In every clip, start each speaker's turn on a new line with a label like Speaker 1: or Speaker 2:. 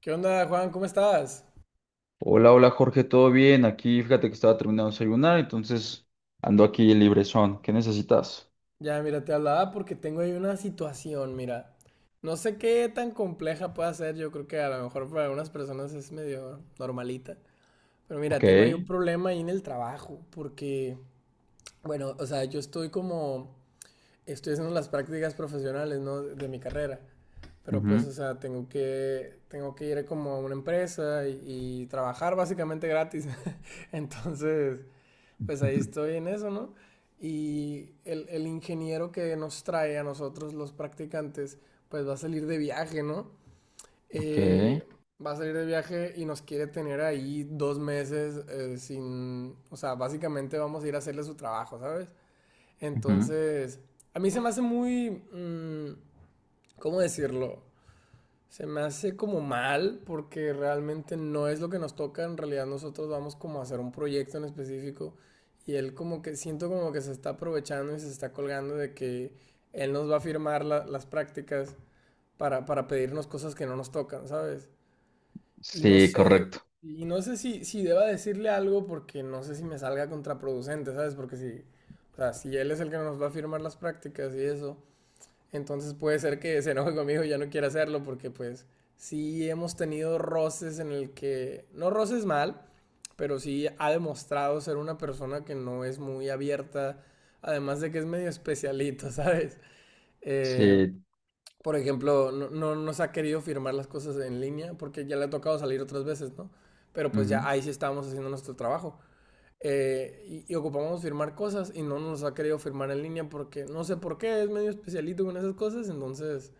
Speaker 1: ¿Qué onda, Juan? ¿Cómo estás?
Speaker 2: Hola, hola Jorge, ¿todo bien? Aquí fíjate que estaba terminando de desayunar, entonces ando aquí librezón. ¿Qué necesitas?
Speaker 1: Ya, mira, te hablaba porque tengo ahí una situación, mira. No sé qué tan compleja pueda ser, yo creo que a lo mejor para algunas personas es medio normalita. Pero mira,
Speaker 2: Ok,
Speaker 1: tengo ahí un problema ahí en el trabajo, porque, bueno, o sea, yo estoy como, estoy haciendo las prácticas profesionales, ¿no? De mi carrera. Pero pues,
Speaker 2: ujú.
Speaker 1: o sea, tengo que ir como a una empresa y trabajar básicamente gratis. Entonces, pues ahí estoy en eso, ¿no? Y el ingeniero que nos trae a nosotros los practicantes, pues va a salir de viaje, ¿no?
Speaker 2: Ok,
Speaker 1: Eh, Va a salir de viaje y nos quiere tener ahí dos meses sin, o sea, básicamente vamos a ir a hacerle su trabajo, ¿sabes?
Speaker 2: ujú.
Speaker 1: Entonces, a mí se me hace muy, ¿cómo decirlo? Se me hace como mal porque realmente no es lo que nos toca. En realidad nosotros vamos como a hacer un proyecto en específico y él como que siento como que se está aprovechando y se está colgando de que él nos va a firmar las prácticas para pedirnos cosas que no nos tocan, ¿sabes? Y no
Speaker 2: Sí,
Speaker 1: sé,
Speaker 2: correcto.
Speaker 1: y no sé si, si deba decirle algo porque no sé si me salga contraproducente, ¿sabes? Porque si, o sea, si él es el que nos va a firmar las prácticas y eso, entonces puede ser que se enoje conmigo y ya no quiera hacerlo porque pues sí hemos tenido roces en el que, no roces mal, pero sí ha demostrado ser una persona que no es muy abierta, además de que es medio especialito, ¿sabes? Eh,
Speaker 2: Sí,
Speaker 1: por ejemplo, no, no nos ha querido firmar las cosas en línea porque ya le ha tocado salir otras veces, ¿no? Pero pues
Speaker 2: ujú.
Speaker 1: ya ahí sí estábamos haciendo nuestro trabajo. Y ocupamos firmar cosas y no nos ha querido firmar en línea porque no sé por qué, es medio especialito con esas cosas, entonces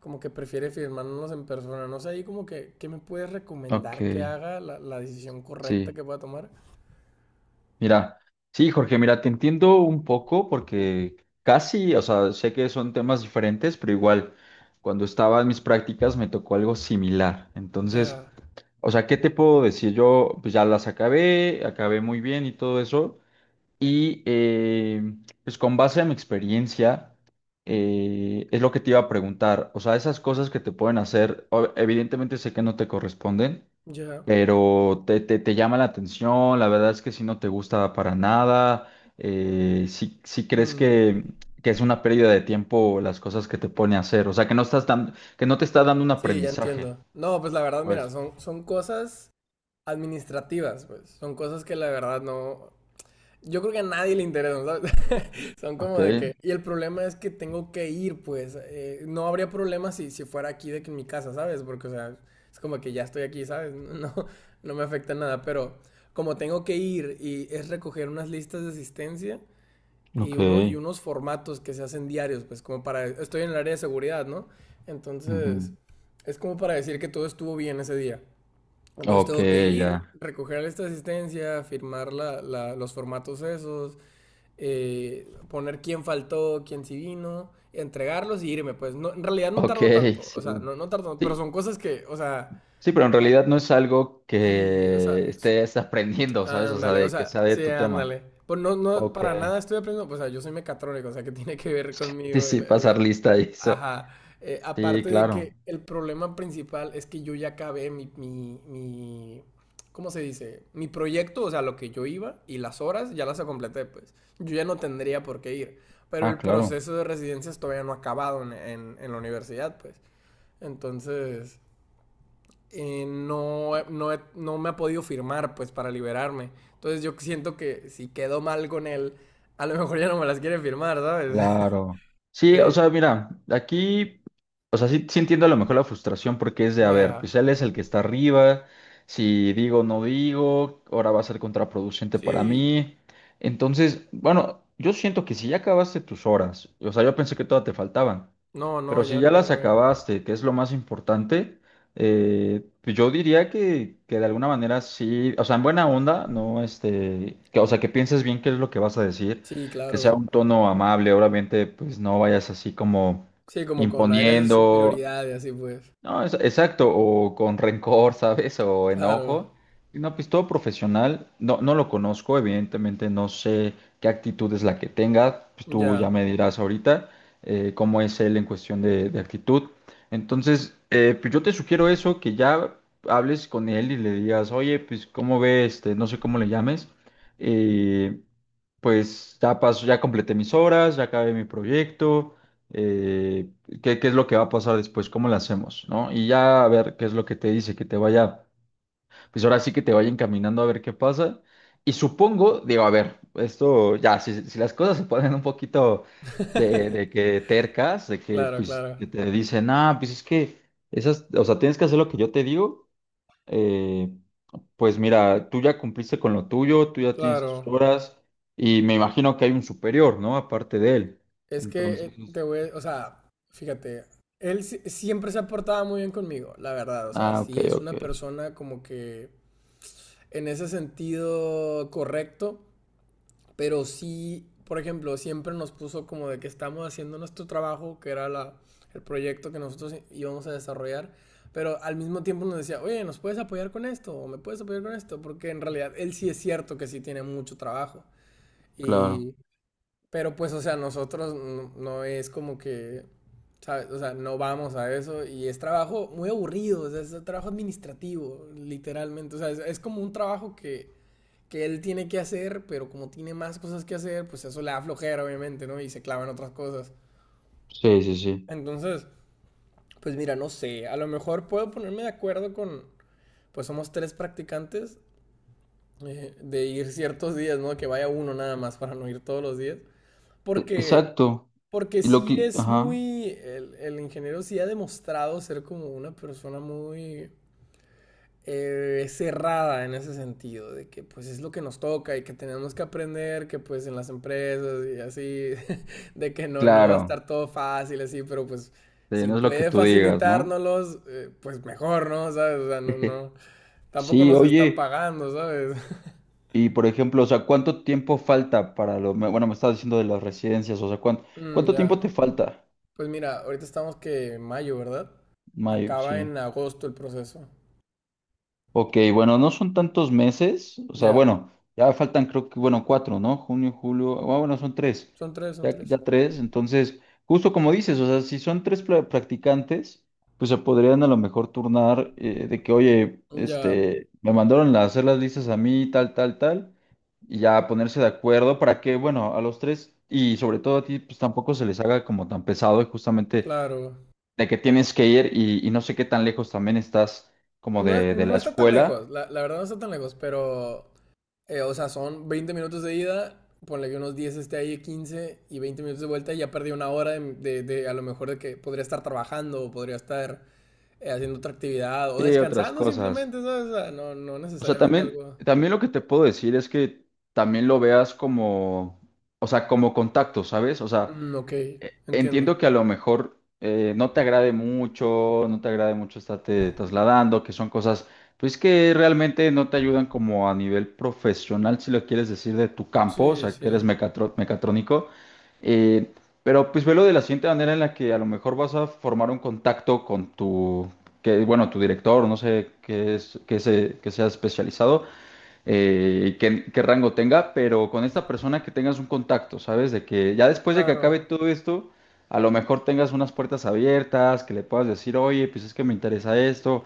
Speaker 1: como que prefiere firmarnos en persona. No sé, ahí como que, ¿qué me puedes
Speaker 2: Ok.
Speaker 1: recomendar que haga la decisión correcta
Speaker 2: Sí.
Speaker 1: que pueda tomar?
Speaker 2: Mira, sí, Jorge, mira, te entiendo un poco porque casi, o sea, sé que son temas diferentes, pero igual, cuando estaba en mis prácticas me tocó algo similar. Entonces,
Speaker 1: Ya,
Speaker 2: o sea, ¿qué te puedo decir? Yo pues ya las acabé, acabé muy bien y todo eso, y pues con base a mi experiencia, es lo que te iba a preguntar. O sea, esas cosas que te pueden hacer, o- evidentemente sé que no te corresponden,
Speaker 1: ya.
Speaker 2: pero te llama la atención. La verdad es que si no te gusta para nada, si, si crees
Speaker 1: mm,
Speaker 2: que es una pérdida de tiempo las cosas que te pone a hacer. O sea, que no estás dando, que no te está dando un
Speaker 1: sí, ya
Speaker 2: aprendizaje.
Speaker 1: entiendo. No, pues la verdad, mira,
Speaker 2: Pues,
Speaker 1: son cosas administrativas, pues. Son cosas que la verdad no, yo creo que a nadie le interesan, ¿sabes? Son como
Speaker 2: ok,
Speaker 1: de que... Y el problema es que tengo que ir, pues. No habría problema si, si fuera aquí de que en mi casa, ¿sabes? Porque, o sea, es como que ya estoy aquí, ¿sabes? No, no me afecta nada, pero como tengo que ir y es recoger unas listas de asistencia y,
Speaker 2: ok,
Speaker 1: uno, y unos formatos que se hacen diarios, pues como para... Estoy en el área de seguridad, ¿no?
Speaker 2: ujú.
Speaker 1: Entonces, es como para decir que todo estuvo bien ese día. Entonces
Speaker 2: Ok,
Speaker 1: tengo que ir,
Speaker 2: ya.
Speaker 1: recoger esta asistencia, firmar los formatos esos, poner quién faltó, quién sí vino, entregarlos y irme, pues no, en realidad no
Speaker 2: Ok,
Speaker 1: tardo tanto, o
Speaker 2: sí.
Speaker 1: sea, no, no tardo, pero
Speaker 2: Sí.
Speaker 1: son cosas que, o sea,
Speaker 2: Sí, pero en realidad no es algo
Speaker 1: sí, o sea,
Speaker 2: que estés aprendiendo, ¿sabes? O sea,
Speaker 1: ándale, o
Speaker 2: de que
Speaker 1: sea,
Speaker 2: sea de
Speaker 1: sí,
Speaker 2: tu tema.
Speaker 1: ándale. Pues no, no,
Speaker 2: Ok.
Speaker 1: para nada estoy aprendiendo, pues, o sea, yo soy mecatrónico, o sea, que tiene que ver
Speaker 2: Sí,
Speaker 1: conmigo
Speaker 2: sí, pasar lista y eso.
Speaker 1: ajá.
Speaker 2: Sí,
Speaker 1: Aparte de que
Speaker 2: claro.
Speaker 1: el problema principal es que yo ya acabé mi, ¿cómo se dice? Mi proyecto, o sea, lo que yo iba y las horas ya las completé, pues. Yo ya no tendría por qué ir. Pero
Speaker 2: Ah,
Speaker 1: el
Speaker 2: claro.
Speaker 1: proceso de residencias todavía no ha acabado en, en la universidad, pues. Entonces, no me ha podido firmar, pues, para liberarme. Entonces, yo siento que si quedo mal con él, a lo mejor ya no me las quiere firmar, ¿sabes?
Speaker 2: Claro. Sí, o
Speaker 1: Eh,
Speaker 2: sea, mira, aquí, o sea, sí, sí entiendo a lo mejor la frustración porque es de, a ver, pues
Speaker 1: ya.
Speaker 2: él es el que está arriba, si digo, no digo, ahora va a ser contraproducente para
Speaker 1: Sí,
Speaker 2: mí. Entonces, bueno, yo siento que si ya acabaste tus horas, o sea, yo pensé que todas te faltaban,
Speaker 1: no, no,
Speaker 2: pero si
Speaker 1: ya,
Speaker 2: ya
Speaker 1: ya
Speaker 2: las
Speaker 1: acabé.
Speaker 2: acabaste, que es lo más importante, pues yo diría que de alguna manera sí, o sea, en buena onda, no, este, que, o sea, que pienses bien qué es lo que vas a decir,
Speaker 1: Sí,
Speaker 2: que sea
Speaker 1: claro.
Speaker 2: un tono amable, obviamente, pues no vayas así como
Speaker 1: Sí, como con aires de
Speaker 2: imponiendo,
Speaker 1: superioridad y así pues.
Speaker 2: no, es- exacto, o con rencor, ¿sabes? O
Speaker 1: Claro,
Speaker 2: enojo. Y no, pues todo profesional, no, no lo conozco, evidentemente no sé qué actitud es la que tenga, pues tú ya
Speaker 1: ya.
Speaker 2: me dirás ahorita cómo es él en cuestión de actitud. Entonces, pues yo te sugiero eso, que ya hables con él y le digas, oye, pues cómo ve este, no sé cómo le llames. Eh, pues ya paso, ya completé mis horas, ya acabé mi proyecto. eh, ¿Qué, qué es lo que va a pasar después? ¿Cómo lo hacemos? ¿No? Y ya a ver qué es lo que te dice, que te vaya, pues ahora sí que te vaya encaminando a ver qué pasa. Y supongo, digo, a ver, esto ya, si, si las cosas se ponen un poquito de que tercas, de que
Speaker 1: Claro,
Speaker 2: pues
Speaker 1: claro,
Speaker 2: que te dicen, ah, pues es que esas, o sea, tienes que hacer lo que yo te digo. eh, pues mira, tú ya cumpliste con lo tuyo, tú ya tienes tus
Speaker 1: claro.
Speaker 2: horas y me imagino que hay un superior, ¿no? Aparte de él.
Speaker 1: Es que
Speaker 2: Entonces,
Speaker 1: te voy, o sea, fíjate, él siempre se ha portado muy bien conmigo, la verdad. O sea,
Speaker 2: ah, ok,
Speaker 1: sí es
Speaker 2: ok,
Speaker 1: una persona como que en ese sentido correcto. Pero sí, por ejemplo, siempre nos puso como de que estamos haciendo nuestro trabajo, que era el proyecto que nosotros íbamos a desarrollar, pero al mismo tiempo nos decía, oye, ¿nos puedes apoyar con esto? ¿O me puedes apoyar con esto? Porque en realidad él sí es cierto que sí tiene mucho trabajo.
Speaker 2: claro.
Speaker 1: Y, pero pues, o sea, nosotros no, no es como que, ¿sabes? O sea, no vamos a eso y es trabajo muy aburrido, o sea, es trabajo administrativo, literalmente. O sea, es como un trabajo que él tiene que hacer, pero como tiene más cosas que hacer, pues eso le da flojera, obviamente, ¿no? Y se clava en otras cosas.
Speaker 2: Sí, sí, sí.
Speaker 1: Entonces, pues mira, no sé, a lo mejor puedo ponerme de acuerdo con, pues somos tres practicantes, de ir ciertos días, ¿no? Que vaya uno nada más para no ir todos los días.
Speaker 2: E-
Speaker 1: Porque,
Speaker 2: Exacto.
Speaker 1: porque
Speaker 2: Y lo
Speaker 1: sí
Speaker 2: que,
Speaker 1: es
Speaker 2: ajá,
Speaker 1: muy, el ingeniero sí ha demostrado ser como una persona muy cerrada en ese sentido, de que pues es lo que nos toca y que tenemos que aprender, que pues en las empresas y así, de que no, no va a
Speaker 2: claro,
Speaker 1: estar todo fácil así, pero pues
Speaker 2: sí,
Speaker 1: si
Speaker 2: no es lo que
Speaker 1: puede
Speaker 2: tú digas, ¿no?
Speaker 1: facilitárnoslos, pues mejor, ¿no? ¿Sabes? O sea, no, no, tampoco
Speaker 2: Sí,
Speaker 1: nos están
Speaker 2: oye,
Speaker 1: pagando, ¿sabes?
Speaker 2: y por ejemplo, o sea, ¿cuánto tiempo falta para lo, me- bueno, me estás diciendo de las residencias, o sea, ¿cuánto,
Speaker 1: Mm,
Speaker 2: cuánto tiempo te
Speaker 1: ya.
Speaker 2: falta?
Speaker 1: Pues mira, ahorita estamos que en mayo, ¿verdad?
Speaker 2: Mayo,
Speaker 1: Acaba
Speaker 2: sí.
Speaker 1: en agosto el proceso.
Speaker 2: Ok, bueno, no son tantos meses, o sea,
Speaker 1: Ya,
Speaker 2: bueno, ya faltan creo que, bueno, cuatro, ¿no? Junio, julio, ah, bueno, son tres,
Speaker 1: son tres, son
Speaker 2: ya,
Speaker 1: tres.
Speaker 2: ya tres. Entonces, justo como dices, o sea, si son tres pla- practicantes, pues se podrían a lo mejor turnar, de que, oye,
Speaker 1: Ya,
Speaker 2: este, me mandaron a hacer las listas a mí, tal, tal, tal, y ya ponerse de acuerdo para que, bueno, a los tres, y sobre todo a ti, pues tampoco se les haga como tan pesado, y justamente
Speaker 1: claro.
Speaker 2: de que tienes que ir y no sé qué tan lejos también estás como
Speaker 1: No,
Speaker 2: de
Speaker 1: no
Speaker 2: la
Speaker 1: está tan lejos,
Speaker 2: escuela.
Speaker 1: la verdad no está tan lejos, pero o sea, son 20 minutos de ida, ponle que unos 10 esté ahí, 15 y 20 minutos de vuelta y ya perdí una hora de, de a lo mejor de que podría estar trabajando o podría estar haciendo otra actividad o
Speaker 2: Sí, otras
Speaker 1: descansando
Speaker 2: cosas.
Speaker 1: simplemente, ¿sabes? O sea, no, no
Speaker 2: O sea,
Speaker 1: necesariamente
Speaker 2: también,
Speaker 1: algo.
Speaker 2: también lo que te puedo decir es que también lo veas como, o sea, como contacto, ¿sabes? O sea,
Speaker 1: Mm, ok, entiendo.
Speaker 2: entiendo que a lo mejor no te agrade mucho, no te agrade mucho estarte trasladando, que son cosas, pues que realmente no te ayudan como a nivel profesional, si lo quieres decir, de tu campo, o
Speaker 1: Sí,
Speaker 2: sea, que
Speaker 1: sí,
Speaker 2: eres mecatro- mecatrónico. Eh, pero pues velo de la siguiente manera en la que a lo mejor vas a formar un contacto con tu, que, bueno, tu director, no sé qué es, qué se, qué sea especializado, qué, qué rango tenga, pero con esta persona que tengas un contacto, ¿sabes? De que ya después de que acabe
Speaker 1: claro.
Speaker 2: todo esto, a lo mejor tengas unas puertas abiertas, que le puedas decir, oye, pues es que me interesa esto,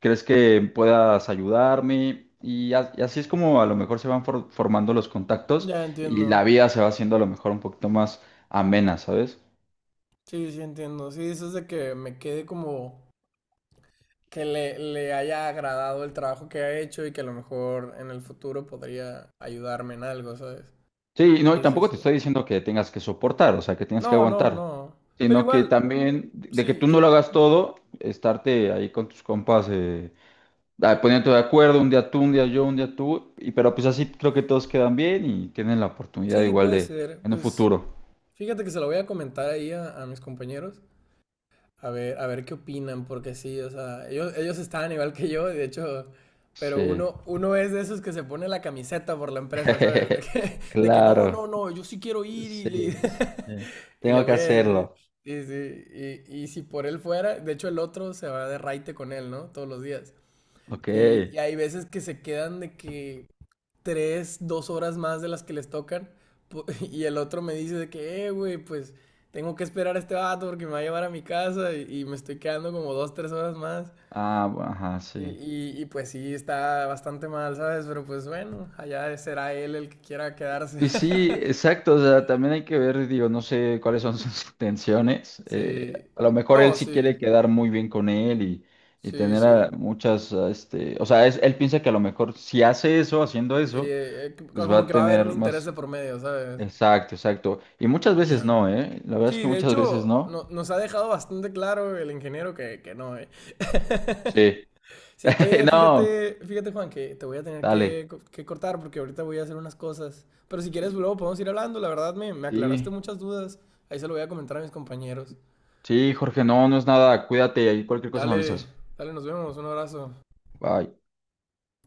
Speaker 2: ¿crees que puedas ayudarme? Y, a- y así es como a lo mejor se van for- formando los contactos
Speaker 1: Ya
Speaker 2: y
Speaker 1: entiendo.
Speaker 2: la vida se va haciendo a lo mejor un poquito más amena, ¿sabes?
Speaker 1: Sí, sí, entiendo. Sí, dices de que me quede como que le haya agradado el trabajo que ha hecho y que a lo mejor en el futuro podría ayudarme en algo, ¿sabes?
Speaker 2: Sí, no, y
Speaker 1: Sí, sí,
Speaker 2: tampoco te
Speaker 1: sí.
Speaker 2: estoy diciendo que tengas que soportar, o sea, que tengas que
Speaker 1: No, no,
Speaker 2: aguantar,
Speaker 1: no. Pero
Speaker 2: sino que
Speaker 1: igual,
Speaker 2: también de que
Speaker 1: sí,
Speaker 2: tú no
Speaker 1: yo...
Speaker 2: lo hagas
Speaker 1: ujú.
Speaker 2: todo, estarte ahí con tus compas, ah, poniéndote de acuerdo, un día tú, un día yo, un día tú, y pero pues así creo que todos quedan bien y tienen la oportunidad
Speaker 1: Sí,
Speaker 2: igual
Speaker 1: puede
Speaker 2: de
Speaker 1: ser.
Speaker 2: en un
Speaker 1: Pues
Speaker 2: futuro.
Speaker 1: fíjate que se lo voy a comentar ahí a mis compañeros. A ver qué opinan, porque sí, o sea, ellos estaban igual que yo, de hecho, pero
Speaker 2: Sí.
Speaker 1: uno, uno es de esos que se pone la camiseta por la empresa, ¿sabes? De que, no, no,
Speaker 2: Claro.
Speaker 1: no, yo sí quiero ir y le,
Speaker 2: Sí, sí.
Speaker 1: y le
Speaker 2: Tengo que
Speaker 1: voy a decir,
Speaker 2: hacerlo.
Speaker 1: sí, sí, y si por él fuera, de hecho el otro se va de raite con él, ¿no? Todos los días.
Speaker 2: Ok.
Speaker 1: Y hay veces que se quedan de que, tres, dos horas más de las que les tocan. Y el otro me dice de que, güey, pues tengo que esperar a este vato porque me va a llevar a mi casa y me estoy quedando como dos, tres horas más.
Speaker 2: Ah, bu- ajá,
Speaker 1: Y,
Speaker 2: sí.
Speaker 1: y, pues sí, está bastante mal, ¿sabes? Pero pues bueno, allá será él el que quiera quedarse.
Speaker 2: Y sí, exacto, o sea, también hay que ver, digo, no sé cuáles son sus intenciones.
Speaker 1: Sí.
Speaker 2: A lo mejor
Speaker 1: No,
Speaker 2: él sí quiere
Speaker 1: sí.
Speaker 2: quedar muy bien con él y
Speaker 1: Sí,
Speaker 2: tener a
Speaker 1: sí.
Speaker 2: muchas, a este, o sea, es- él piensa que a lo mejor si hace eso, haciendo
Speaker 1: Sí,
Speaker 2: eso, pues va
Speaker 1: como
Speaker 2: a
Speaker 1: que va a haber un
Speaker 2: tener
Speaker 1: interés
Speaker 2: más,
Speaker 1: de por medio, ¿sabes?
Speaker 2: exacto, exacto. Y muchas veces
Speaker 1: Ya.
Speaker 2: no, ¿eh? La verdad es
Speaker 1: Sí,
Speaker 2: que
Speaker 1: de
Speaker 2: muchas veces
Speaker 1: hecho,
Speaker 2: no.
Speaker 1: nos ha dejado bastante claro el ingeniero que no, ¿eh?
Speaker 2: Sí.
Speaker 1: Sí, oye,
Speaker 2: No,
Speaker 1: fíjate, fíjate Juan, que te voy a tener
Speaker 2: dale.
Speaker 1: que, que cortar porque ahorita voy a hacer unas cosas. Pero si quieres, luego podemos ir hablando. La verdad, me aclaraste
Speaker 2: Sí,
Speaker 1: muchas dudas. Ahí se lo voy a comentar a mis compañeros.
Speaker 2: sí, Jorge, no, no es nada, cuídate, ahí cualquier cosa me
Speaker 1: Dale,
Speaker 2: avisas.
Speaker 1: dale, nos vemos. Un abrazo.
Speaker 2: Bye.